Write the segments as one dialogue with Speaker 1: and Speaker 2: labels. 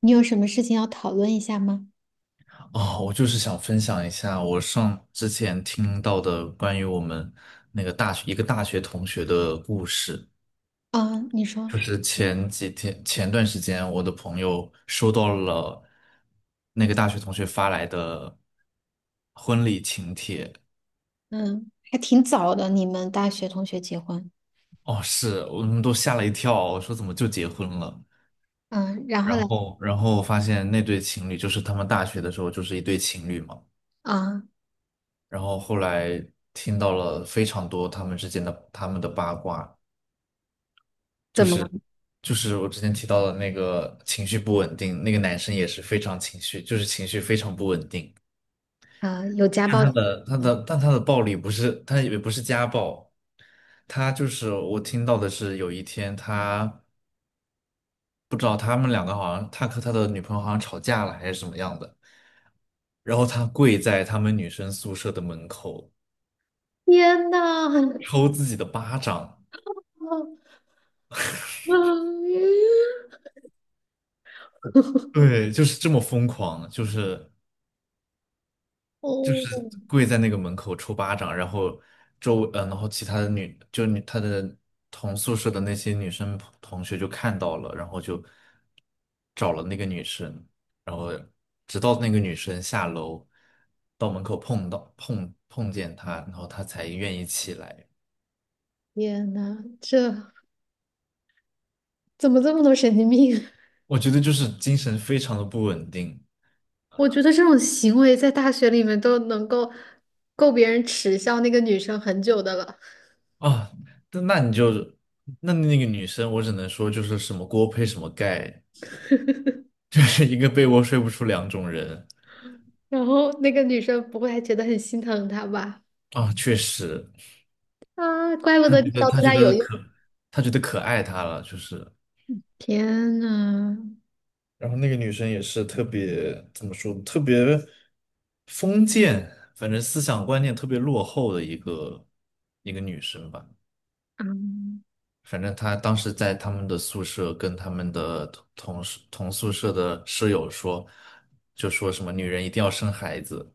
Speaker 1: 你有什么事情要讨论一下吗？
Speaker 2: 哦，我就是想分享一下我之前听到的关于我们那个大学一个大学同学的故事。
Speaker 1: 啊，你说。
Speaker 2: 就是前几天前段时间，我的朋友收到了那个大学同学发来的婚礼请帖。
Speaker 1: 嗯，还挺早的，你们大学同学结婚。
Speaker 2: 哦，是，我们都吓了一跳，我说怎么就结婚了？
Speaker 1: 嗯，然后嘞？
Speaker 2: 然后发现那对情侣就是他们大学的时候就是一对情侣嘛。
Speaker 1: 啊，
Speaker 2: 然后后来听到了非常多他们的八卦。就
Speaker 1: 怎么
Speaker 2: 是
Speaker 1: 了？
Speaker 2: 就是我之前提到的那个情绪不稳定，那个男生也是非常情绪，就是情绪非常不稳定。
Speaker 1: 啊，有家
Speaker 2: 但
Speaker 1: 暴？
Speaker 2: 他的他的但他的暴力不是，他也不是家暴，他就是我听到的是有一天他不知道他们两个好像他和他的女朋友好像吵架了还是怎么样的，然后他跪在他们女生宿舍的门口
Speaker 1: 天呐，很
Speaker 2: 抽自己的巴掌，
Speaker 1: 哦。
Speaker 2: 对，就是这么疯狂，就是
Speaker 1: 哦，
Speaker 2: 跪在那个门口抽巴掌，然后然后其他的女就女她的同宿舍的那些女生同学就看到了，然后就找了那个女生，然后直到那个女生下楼到门口碰到碰碰见她，然后她才愿意起来。
Speaker 1: 天呐，这怎么这么多神经病啊？
Speaker 2: 我觉得就是精神非常的不稳定
Speaker 1: 我觉得这种行为在大学里面都能够够别人耻笑那个女生很久的了。
Speaker 2: 啊。那那你就那那个女生，我只能说就是什么锅配什么盖，就是一个被窝睡不出两种人。
Speaker 1: 然后那个女生不会还觉得很心疼她吧？
Speaker 2: 啊，确实，
Speaker 1: 啊，怪不
Speaker 2: 他
Speaker 1: 得这
Speaker 2: 觉得
Speaker 1: 招对
Speaker 2: 他觉
Speaker 1: 她有
Speaker 2: 得可，
Speaker 1: 用。
Speaker 2: 他觉得可爱他了，就是，
Speaker 1: 天呐，
Speaker 2: 然后那个女生也是特别怎么说，特别封建，反正思想观念特别落后的一个女生吧。
Speaker 1: 啊
Speaker 2: 反正她当时在他们的宿舍跟他们的同宿舍的室友说，就说什么女人一定要生孩子，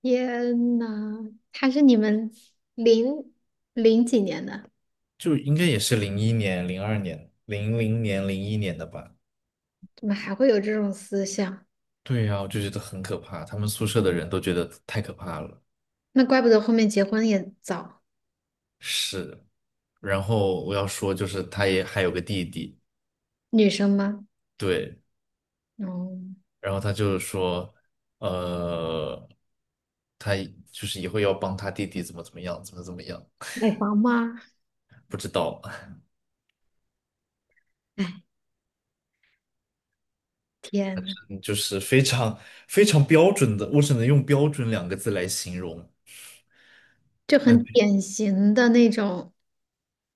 Speaker 1: 天呐，他是你们零零几年的？
Speaker 2: 就应该也是零一年、零二年、零零年、零一年的吧。
Speaker 1: 怎么还会有这种思想？
Speaker 2: 对呀，我就觉得很可怕，他们宿舍的人都觉得太可怕了。
Speaker 1: 那怪不得后面结婚也早。
Speaker 2: 是，然后我要说，就是他也还有个弟弟，
Speaker 1: 女生吗？
Speaker 2: 对，
Speaker 1: 哦，
Speaker 2: 然后他就是说，呃，他就是以后要帮他弟弟怎么怎么样，怎么怎么样，
Speaker 1: 买房吗？
Speaker 2: 不知道，
Speaker 1: 哎，天呐，
Speaker 2: 嗯就是非常非常标准的，我只能用标准两个字来形容。
Speaker 1: 就
Speaker 2: 那
Speaker 1: 很典型的那种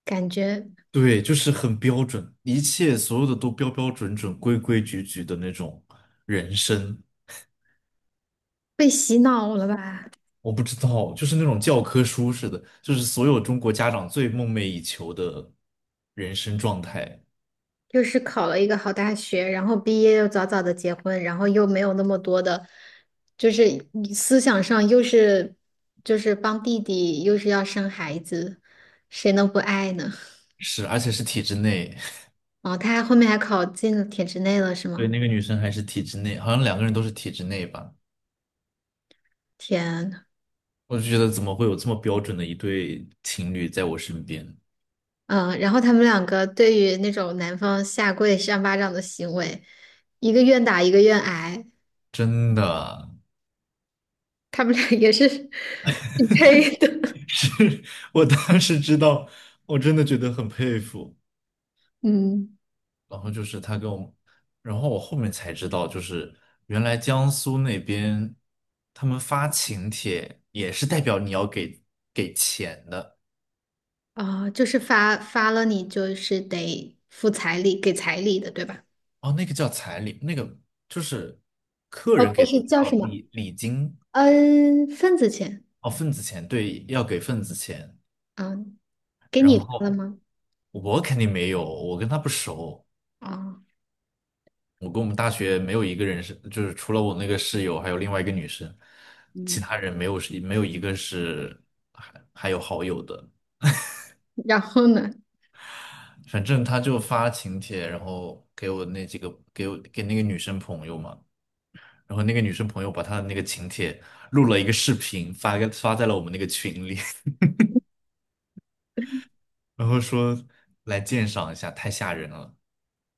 Speaker 1: 感觉，
Speaker 2: 对，就是很标准，一切所有的都标标准准、规规矩矩的那种人生。
Speaker 1: 被洗脑了吧？
Speaker 2: 我不知道，就是那种教科书似的，就是所有中国家长最梦寐以求的人生状态，
Speaker 1: 又是考了一个好大学，然后毕业又早早的结婚，然后又没有那么多的，就是思想上又是就是帮弟弟，又是要生孩子，谁能不爱呢？
Speaker 2: 是，而且是体制内。
Speaker 1: 哦，他还后面还考进了体制内了，是
Speaker 2: 对，
Speaker 1: 吗？
Speaker 2: 那个女生还是体制内，好像两个人都是体制内吧。
Speaker 1: 天。
Speaker 2: 我就觉得怎么会有这么标准的一对情侣在我身边？
Speaker 1: 嗯，然后他们两个对于那种男方下跪扇巴掌的行为，一个愿打一个愿挨，
Speaker 2: 真的
Speaker 1: 他们俩也是 匹配的。
Speaker 2: 是，我当时知道，我真的觉得很佩服。
Speaker 1: 嗯。
Speaker 2: 然后就是他跟我，然后我后面才知道，就是原来江苏那边他们发请帖也是代表你要给钱的
Speaker 1: 啊、就是发发了你就是得付彩礼，给彩礼的，对吧？
Speaker 2: 哦，那个叫彩礼，那个就是客
Speaker 1: 哦，
Speaker 2: 人
Speaker 1: 不
Speaker 2: 给的
Speaker 1: 是叫
Speaker 2: 叫
Speaker 1: 什么？
Speaker 2: 礼金
Speaker 1: 嗯，份子钱。
Speaker 2: 哦，份子钱，对，要给份子钱。
Speaker 1: 啊、给你
Speaker 2: 然
Speaker 1: 发了
Speaker 2: 后
Speaker 1: 吗？
Speaker 2: 我肯定没有，我跟他不熟，
Speaker 1: 啊、
Speaker 2: 我跟我们大学没有一个人是，就是除了我那个室友，还有另外一个女生，其
Speaker 1: 嗯，
Speaker 2: 他人没有一个是还有好友的。
Speaker 1: 然后呢？
Speaker 2: 反正他就发请帖，然后给我那几个给我给那个女生朋友嘛，然后那个女生朋友把她的那个请帖录了一个视频，发在了我们那个群里，然后说来鉴赏一下，太吓人了。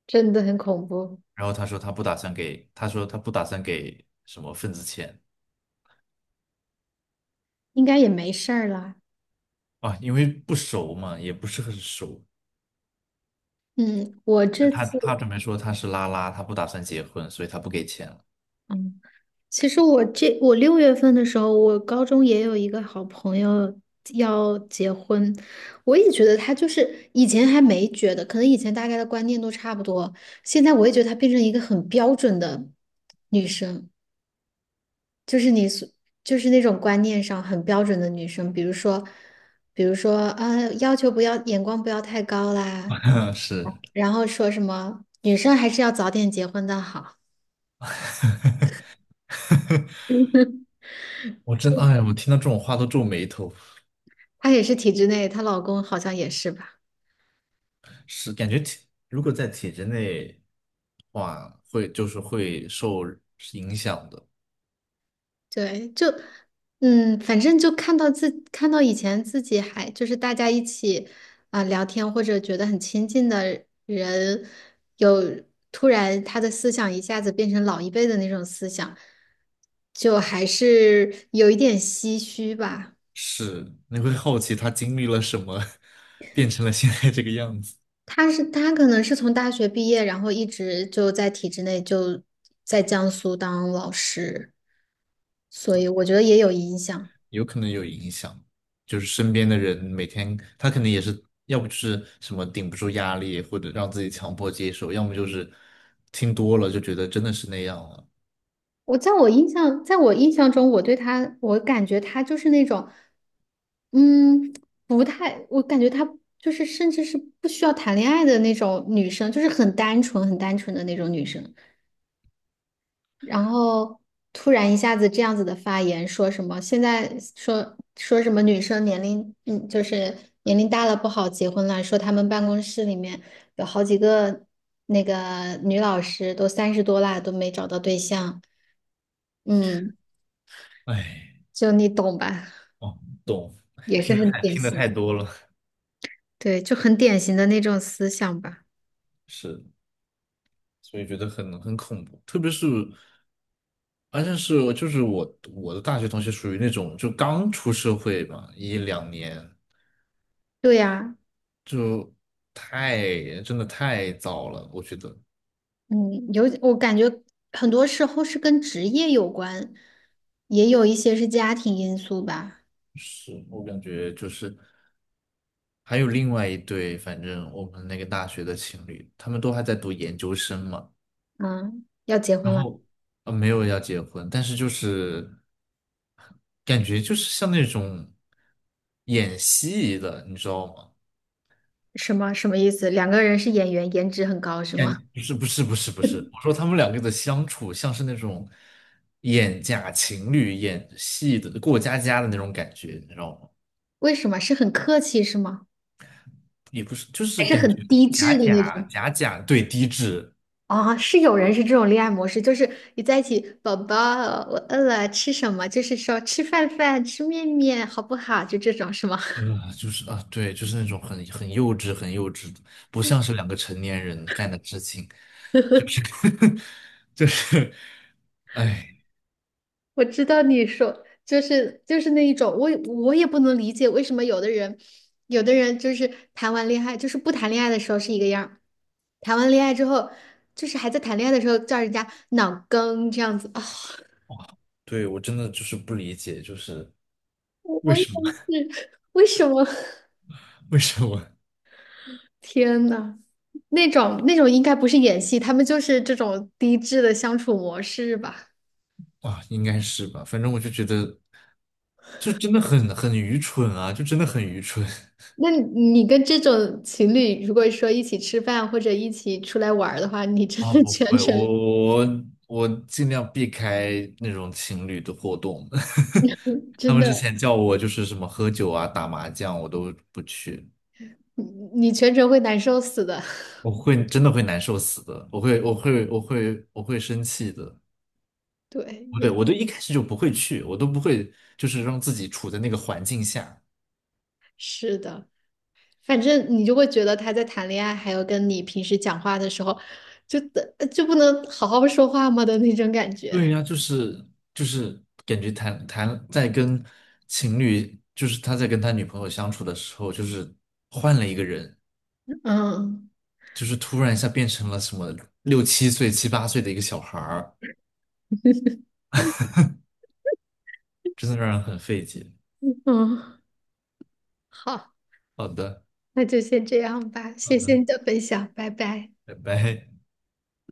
Speaker 1: 真的很恐怖。
Speaker 2: 然后他说他不打算给，他说他不打算给什么份子钱
Speaker 1: 应该也没事儿啦。
Speaker 2: 啊，因为不熟嘛，也不是很熟。
Speaker 1: 嗯，我这
Speaker 2: 他
Speaker 1: 次。
Speaker 2: 他准备说他是拉拉，他不打算结婚，所以他不给钱了。
Speaker 1: 嗯。其实我这我六月份的时候，我高中也有一个好朋友要结婚。我也觉得她就是以前还没觉得，可能以前大概的观念都差不多，现在我也觉得她变成一个很标准的女生，就是你所就是那种观念上很标准的女生。比如说，比如说啊，要求不要眼光不要太高啦，
Speaker 2: 是，
Speaker 1: 然后说什么女生还是要早点结婚的好。
Speaker 2: 哎呀，我听到这种话都皱眉头。
Speaker 1: 她也是体制内，她老公好像也是吧。
Speaker 2: 是感觉如果在体制内的话，会就是会受影响的。
Speaker 1: 对，就嗯，反正就看到自看到以前自己还就是大家一起啊、聊天或者觉得很亲近的人，有突然他的思想一下子变成老一辈的那种思想，就还是有一点唏嘘吧。
Speaker 2: 是，你会好奇他经历了什么，变成了现在这个样子，
Speaker 1: 他是他可能是从大学毕业，然后一直就在体制内就在江苏当老师，所以我觉得也有影响。
Speaker 2: 有可能有影响。就是身边的人每天，他可能也是，要不就是什么顶不住压力，或者让自己强迫接受，要么就是听多了就觉得真的是那样了。
Speaker 1: 我在我印象，在我印象中，我对他，我感觉他就是那种，嗯，不太，我感觉他就是甚至是不需要谈恋爱的那种女生，就是很单纯、很单纯的那种女生。然后突然一下子这样子的发言，说什么现在说说什么女生年龄，就是年龄大了不好结婚了，说他们办公室里面有好几个那个女老师都三十多啦，都没找到对象。嗯。
Speaker 2: 哎，
Speaker 1: 就你懂吧，
Speaker 2: 哦，懂，
Speaker 1: 也是
Speaker 2: 听得
Speaker 1: 很
Speaker 2: 太
Speaker 1: 典
Speaker 2: 听得
Speaker 1: 型。
Speaker 2: 太多了，
Speaker 1: 对，就很典型的那种思想吧。
Speaker 2: 是，所以觉得很恐怖，特别是。而且是我就是我我的大学同学属于那种就刚出社会嘛，一两年
Speaker 1: 对呀。
Speaker 2: 就太真的太早了，我觉得
Speaker 1: 嗯，有，我感觉很多时候是跟职业有关，也有一些是家庭因素吧。
Speaker 2: 是我感觉就是还有另外一对，反正我们那个大学的情侣，他们都还在读研究生嘛，
Speaker 1: 嗯，要结婚
Speaker 2: 然
Speaker 1: 了。
Speaker 2: 后没有要结婚，但是就是感觉就是像那种演戏的，你知道吗？
Speaker 1: 什么什么意思？两个人是演员，颜值很高是吗？
Speaker 2: 不是不是不是不是，我说他们两个的相处像是那种演假情侣、演戏的过家家的那种感觉，你知道吗？
Speaker 1: 为什么？是很客气是吗？
Speaker 2: 也不是，就是
Speaker 1: 还是
Speaker 2: 感觉
Speaker 1: 很低
Speaker 2: 假
Speaker 1: 质的那
Speaker 2: 假
Speaker 1: 种？
Speaker 2: 假假，对，低质，
Speaker 1: 啊，是有人是这种恋爱模式，就是你在一起，宝宝，我饿了，吃什么？就是说吃饭饭，吃面面，好不好？就这种是吗？
Speaker 2: 就是啊，对，就是那种很幼稚、很幼稚的，不像是两个成年人干的事情，就是 就是，哎，
Speaker 1: 我知道你说就是就是那一种，我也我也不能理解为什么有的人，有的人就是谈完恋爱，就是不谈恋爱的时候是一个样儿谈完恋爱之后，就是还在谈恋爱的时候叫人家脑梗这样子啊。
Speaker 2: 对，我真的就是不理解，就是
Speaker 1: 我
Speaker 2: 为
Speaker 1: 我也
Speaker 2: 什么
Speaker 1: 是，为什么？
Speaker 2: 为什么？
Speaker 1: 天呐，那种那种应该不是演戏，他们就是这种低质的相处模式吧？
Speaker 2: 啊，应该是吧？反正我就觉得，就真的很愚蠢啊，就真的很愚蠢
Speaker 1: 那你跟这种情侣，如果说一起吃饭或者一起出来玩儿的话，你 真
Speaker 2: 啊！
Speaker 1: 的
Speaker 2: 不
Speaker 1: 全
Speaker 2: 会，
Speaker 1: 程
Speaker 2: 我尽量避开那种情侣的活动。他
Speaker 1: 真
Speaker 2: 们之
Speaker 1: 的，
Speaker 2: 前叫我就是什么喝酒啊、打麻将，我都不去，
Speaker 1: 你你全程会难受死的。
Speaker 2: 我会真的会难受死的，我会生气的。
Speaker 1: 对，
Speaker 2: 不
Speaker 1: 有。
Speaker 2: 对，我都一开始就不会去，我都不会就是让自己处在那个环境下。
Speaker 1: 是的，反正你就会觉得他在谈恋爱，还有跟你平时讲话的时候，就的就不能好好说话吗的那种感觉。
Speaker 2: 对呀，就是感觉谈谈在跟情侣，就是他在跟他女朋友相处的时候，就是换了一个人，
Speaker 1: 嗯
Speaker 2: 就是突然一下变成了什么六七岁、七八岁的一个小孩儿，真的让人很费解。
Speaker 1: 嗯，好，
Speaker 2: 好的，
Speaker 1: 那就先这样吧，
Speaker 2: 好
Speaker 1: 谢谢
Speaker 2: 的，
Speaker 1: 你的分享，拜拜。
Speaker 2: 拜拜。